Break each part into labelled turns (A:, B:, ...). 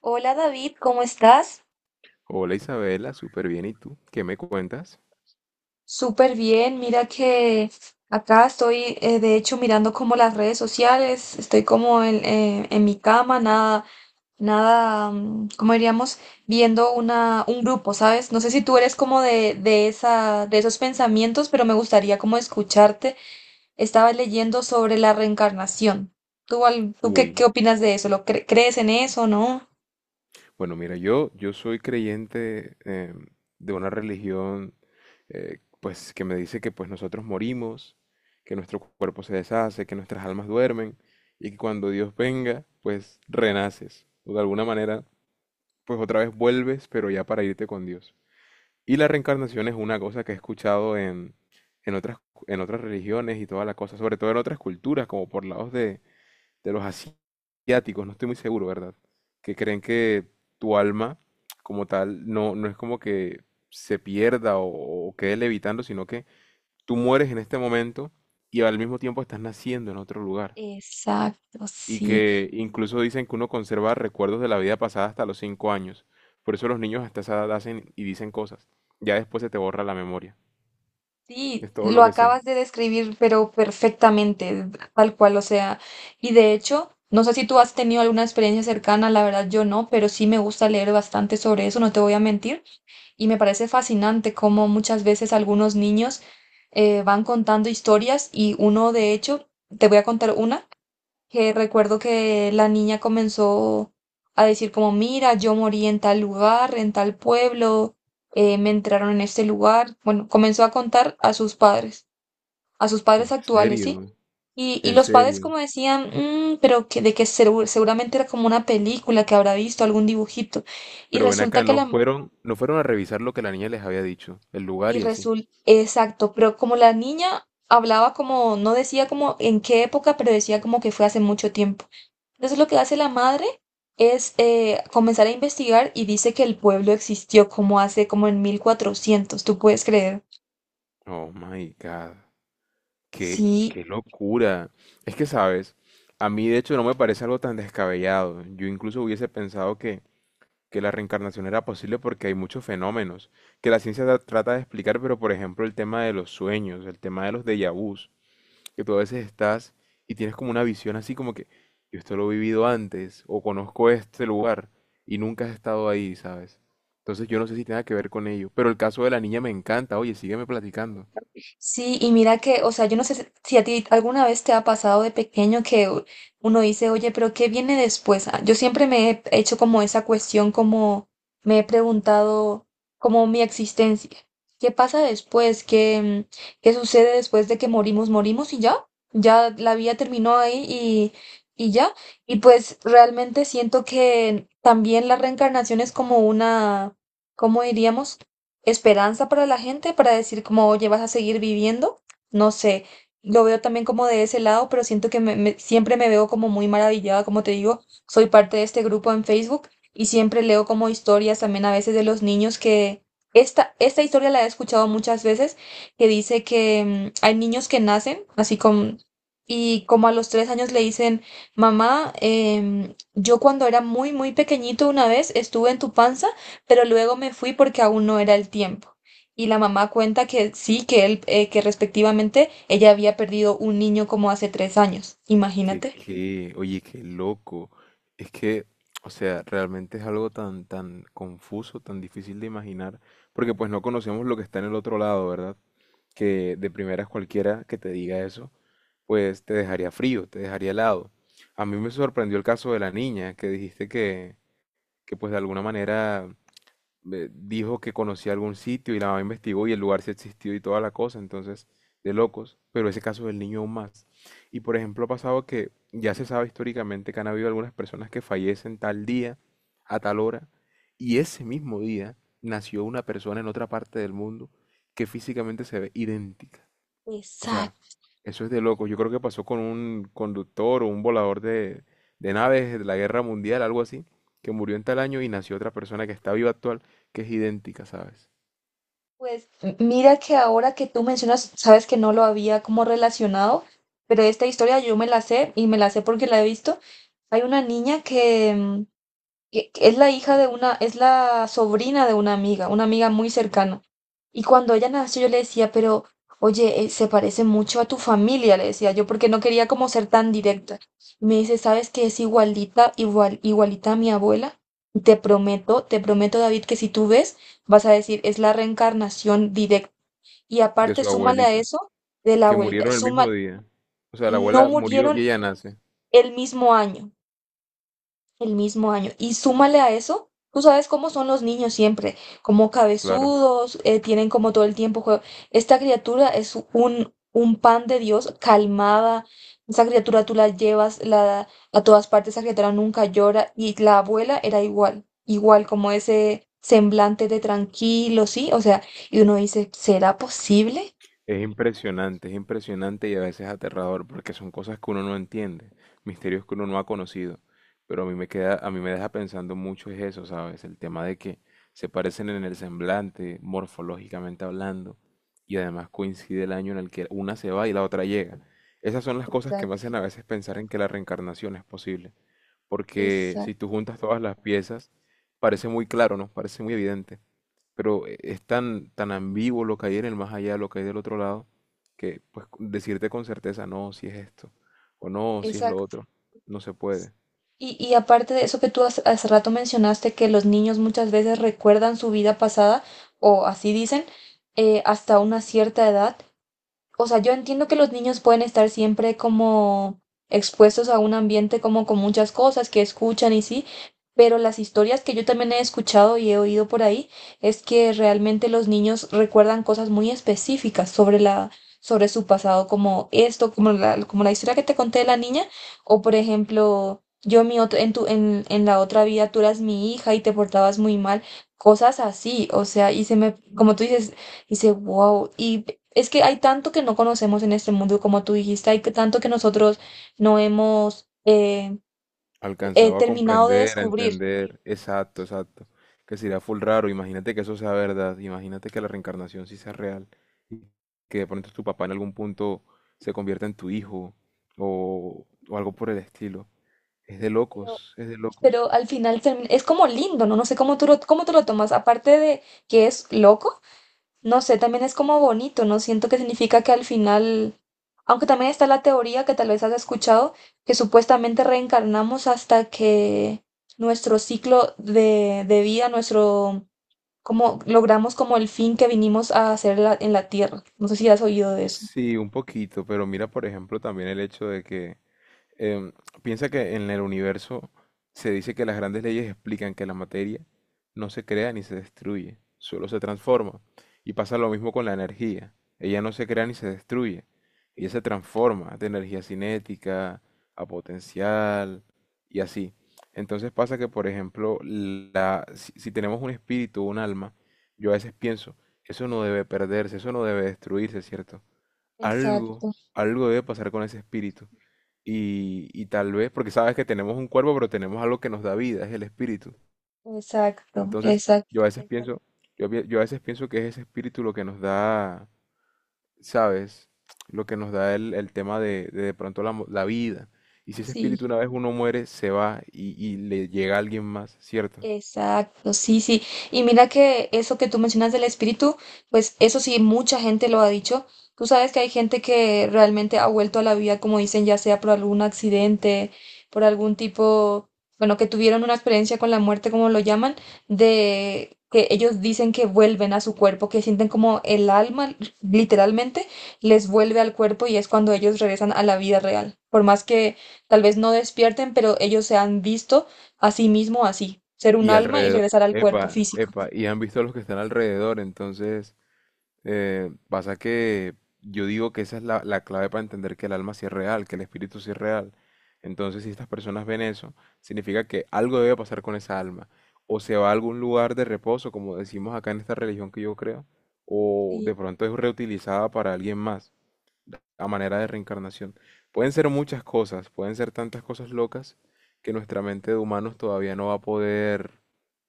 A: Hola David, ¿cómo estás?
B: Hola Isabela, súper bien. ¿Y tú? ¿Qué me cuentas?
A: Súper bien, mira que acá estoy de hecho mirando como las redes sociales, estoy como en mi cama, nada, ¿cómo diríamos? Viendo un grupo, ¿sabes? No sé si tú eres como de esos pensamientos, pero me gustaría como escucharte. Estaba leyendo sobre la reencarnación. ¿Tú qué
B: Uy,
A: opinas de eso? ¿Lo crees en eso, no?
B: bueno, mira, yo soy creyente de una religión pues que me dice que pues nosotros morimos, que nuestro cuerpo se deshace, que nuestras almas duermen y que cuando Dios venga, pues renaces o de alguna manera pues otra vez vuelves, pero ya para irte con Dios. Y la reencarnación es una cosa que he escuchado en otras, en otras religiones y toda la cosa, sobre todo en otras culturas, como por lados de los asiáticos, no estoy muy seguro, ¿verdad? Que creen que tu alma como tal no es como que se pierda o quede levitando, sino que tú mueres en este momento y al mismo tiempo estás naciendo en otro lugar.
A: Exacto,
B: Y
A: sí.
B: que incluso dicen que uno conserva recuerdos de la vida pasada hasta los 5 años. Por eso los niños hasta esa edad hacen y dicen cosas. Ya después se te borra la memoria.
A: Sí,
B: Es todo
A: lo
B: lo que sé.
A: acabas de describir, pero perfectamente, tal cual, o sea, y de hecho, no sé si tú has tenido alguna experiencia cercana, la verdad yo no, pero sí me gusta leer bastante sobre eso, no te voy a mentir, y me parece fascinante cómo muchas veces algunos niños van contando historias y uno, de hecho, te voy a contar una que recuerdo que la niña comenzó a decir como, mira, yo morí en tal lugar, en tal pueblo, me entraron en este lugar. Bueno, comenzó a contar a sus padres
B: En
A: actuales, ¿sí?
B: serio,
A: Y
B: en
A: los padres
B: serio.
A: como decían: pero de que seguramente era como una película que habrá visto, algún dibujito". Y
B: Pero ven
A: resulta
B: acá,
A: que
B: no
A: la...
B: fueron, no fueron a revisar lo que la niña les había dicho, el lugar
A: Y
B: y así.
A: resulta, exacto, pero como la niña hablaba como, no decía como en qué época, pero decía como que fue hace mucho tiempo. Entonces lo que hace la madre es comenzar a investigar y dice que el pueblo existió como hace como en 1400. ¿Tú puedes creer?
B: Oh my God, qué,
A: Sí.
B: qué locura. Es que, sabes, a mí de hecho no me parece algo tan descabellado. Yo incluso hubiese pensado que la reencarnación era posible porque hay muchos fenómenos que la ciencia trata de explicar, pero por ejemplo el tema de los sueños, el tema de los déjà vus, que tú a veces estás y tienes como una visión así como que yo esto lo he vivido antes o conozco este lugar y nunca has estado ahí, ¿sabes? Entonces yo no sé si tenga que ver con ello, pero el caso de la niña me encanta, oye, sígueme platicando.
A: Sí, y mira que, o sea, yo no sé si a ti alguna vez te ha pasado de pequeño que uno dice, oye, pero ¿qué viene después? Ah, yo siempre me he hecho como esa cuestión, como me he preguntado, como mi existencia. ¿Qué pasa después? ¿Qué sucede después de que morimos? ¿Morimos y ya? Ya la vida terminó ahí y ya. Y pues realmente siento que también la reencarnación es como una, ¿cómo diríamos?, esperanza para la gente, para decir como, oye, vas a seguir viviendo. No sé, lo veo también como de ese lado, pero siento que siempre me veo como muy maravillada, como te digo, soy parte de este grupo en Facebook y siempre leo como historias también a veces de los niños que... Esta historia la he escuchado muchas veces, que dice que hay niños que nacen así con... Y como a los 3 años le dicen: mamá, yo cuando era muy, muy pequeñito una vez estuve en tu panza, pero luego me fui porque aún no era el tiempo. Y la mamá cuenta que sí, que él, que respectivamente ella había perdido un niño como hace 3 años. Imagínate.
B: Oye, qué loco. Es que, o sea, realmente es algo tan, tan confuso, tan difícil de imaginar, porque pues no conocemos lo que está en el otro lado, ¿verdad? Que de primeras cualquiera que te diga eso, pues te dejaría frío, te dejaría helado. A mí me sorprendió el caso de la niña que dijiste que pues de alguna manera dijo que conocía algún sitio y la mamá investigó y el lugar sí existió y toda la cosa, entonces de locos, pero ese caso del niño aún más. Y por ejemplo ha pasado que ya se sabe históricamente que han habido algunas personas que fallecen tal día, a tal hora, y ese mismo día nació una persona en otra parte del mundo que físicamente se ve idéntica. O sea,
A: Exacto.
B: eso es de loco. Yo creo que pasó con un conductor o un volador de naves de la Guerra Mundial, algo así, que murió en tal año y nació otra persona que está viva actual, que es idéntica, ¿sabes?
A: Pues mira que ahora que tú mencionas, sabes que no lo había como relacionado, pero esta historia yo me la sé y me la sé porque la he visto. Hay una niña que, mm, que es la hija de es la sobrina de una amiga muy cercana. Y cuando ella nació, yo le decía, pero oye, se parece mucho a tu familia, le decía yo, porque no quería como ser tan directa. Y me dice, ¿sabes que es igualita, igual, igualita a mi abuela? Y te prometo, te prometo, David, que si tú ves, vas a decir, es la reencarnación directa. Y
B: De
A: aparte,
B: su
A: súmale a
B: abuelita,
A: eso de la
B: que
A: abuelita,
B: murieron el
A: suma,
B: mismo día. O sea, la
A: no
B: abuela murió y
A: murieron
B: ella nace,
A: el mismo año. El mismo año. Y súmale a eso, tú sabes cómo son los niños siempre, como
B: claro.
A: cabezudos, tienen como todo el tiempo Esta criatura es un pan de Dios, calmada. Esa criatura tú la llevas a todas partes, esa criatura nunca llora. Y la abuela era igual, igual como ese semblante de tranquilo, ¿sí? O sea, y uno dice, ¿será posible?
B: Es impresionante y a veces aterrador porque son cosas que uno no entiende, misterios que uno no ha conocido. Pero a mí me queda, a mí me deja pensando mucho es eso, ¿sabes? El tema de que se parecen en el semblante, morfológicamente hablando, y además coincide el año en el que una se va y la otra llega. Esas son las cosas que me
A: Exacto,
B: hacen a veces pensar en que la reencarnación es posible, porque si tú
A: exacto,
B: juntas todas las piezas, parece muy claro, ¿no? Parece muy evidente, pero es tan, tan ambiguo lo que hay en el más allá, lo que hay del otro lado, que pues decirte con certeza no, si es esto, o no, si es lo
A: exacto.
B: otro, no se puede.
A: Y aparte de eso que tú hace, hace rato mencionaste, que los niños muchas veces recuerdan su vida pasada, o así dicen, hasta una cierta edad. O sea, yo entiendo que los niños pueden estar siempre como expuestos a un ambiente como con muchas cosas que escuchan y sí, pero las historias que yo también he escuchado y he oído por ahí es que realmente los niños recuerdan cosas muy específicas sobre la, sobre su pasado, como esto, como la historia que te conté de la niña, o por ejemplo, yo en mi en la otra vida tú eras mi hija y te portabas muy mal, cosas así, o sea, y se me, como tú dices, dice, wow, y es que hay tanto que no conocemos en este mundo, como tú dijiste, hay tanto que nosotros no hemos
B: Alcanzaba a
A: terminado de
B: comprender, a
A: descubrir,
B: entender, exacto, exacto, que sería full raro, imagínate que eso sea verdad, imagínate que la reencarnación sí sea real, y que de pronto tu papá en algún punto se convierta en tu hijo, o algo por el estilo. Es de
A: pero,
B: locos, es de locos.
A: pero, al final es como lindo, ¿no? No sé cómo tú lo tomas, aparte de que es loco, no sé, también es como bonito, ¿no? Siento que significa que al final, aunque también está la teoría que tal vez has escuchado, que supuestamente reencarnamos hasta que nuestro ciclo de vida, nuestro como logramos como el fin que vinimos a hacer en la tierra. No sé si has oído de eso.
B: Sí, un poquito, pero mira, por ejemplo, también el hecho de que Em, piensa que en el universo se dice que las grandes leyes explican que la materia no se crea ni se destruye, solo se transforma. Y pasa lo mismo con la energía. Ella no se crea ni se destruye. Ella se transforma de energía cinética a potencial y así. Entonces pasa que, por ejemplo, si tenemos un espíritu, o un alma, yo a veces pienso, eso no debe perderse, eso no debe destruirse, ¿cierto?
A: Exacto,
B: Algo, algo debe pasar con ese espíritu y tal vez, porque sabes que tenemos un cuerpo, pero tenemos algo que nos da vida, es el espíritu.
A: exacto,
B: Entonces,
A: exacto.
B: yo a veces, exacto, pienso. Yo a veces pienso que es ese espíritu lo que nos da, ¿sabes? Lo que nos da el tema de pronto la vida. Y si ese
A: Sí.
B: espíritu una vez uno muere, se va y le llega a alguien más, ¿cierto?
A: Exacto, sí, sí. Y mira que eso que tú mencionas del espíritu, pues eso sí, mucha gente lo ha dicho. Tú sabes que hay gente que realmente ha vuelto a la vida, como dicen, ya sea por algún accidente, por algún tipo, bueno, que tuvieron una experiencia con la muerte, como lo llaman, de que ellos dicen que vuelven a su cuerpo, que sienten como el alma, literalmente, les vuelve al cuerpo y es cuando ellos regresan a la vida real. Por más que tal vez no despierten, pero ellos se han visto asimismo, así, ser un
B: Y
A: alma y
B: alrededor,
A: regresar al cuerpo
B: epa,
A: físico.
B: epa, y han visto a los que están alrededor, entonces. Pasa que yo digo que esa es la clave para entender que el alma sí es real, que el espíritu sí es real. Entonces, si estas personas ven eso, significa que algo debe pasar con esa alma. O se va a algún lugar de reposo, como decimos acá en esta religión que yo creo, o de
A: Sí,
B: pronto es reutilizada para alguien más, a manera de reencarnación. Pueden ser muchas cosas, pueden ser tantas cosas locas que nuestra mente de humanos todavía no va a poder,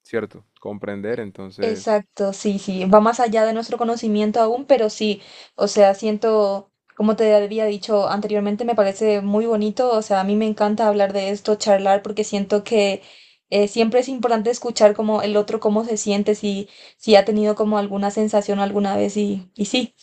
B: ¿cierto?, comprender. Entonces,
A: exacto, sí, sí, va más allá de nuestro conocimiento aún, pero sí, o sea, siento, como te había dicho anteriormente, me parece muy bonito, o sea, a mí me encanta hablar de esto, charlar, porque siento que siempre es importante escuchar como el otro cómo se siente, si ha tenido como alguna sensación alguna vez y sí,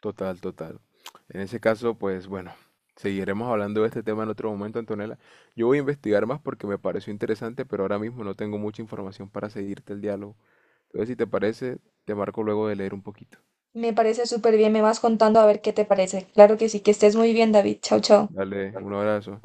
B: total, total. En ese caso, pues bueno, seguiremos hablando de este tema en otro momento, Antonella. Yo voy a investigar más porque me pareció interesante, pero ahora mismo no tengo mucha información para seguirte el diálogo. Entonces, si te parece, te marco luego de leer un poquito.
A: me parece súper bien, me vas contando a ver qué te parece. Claro que sí, que estés muy bien, David, chao, chao.
B: Dale, un abrazo.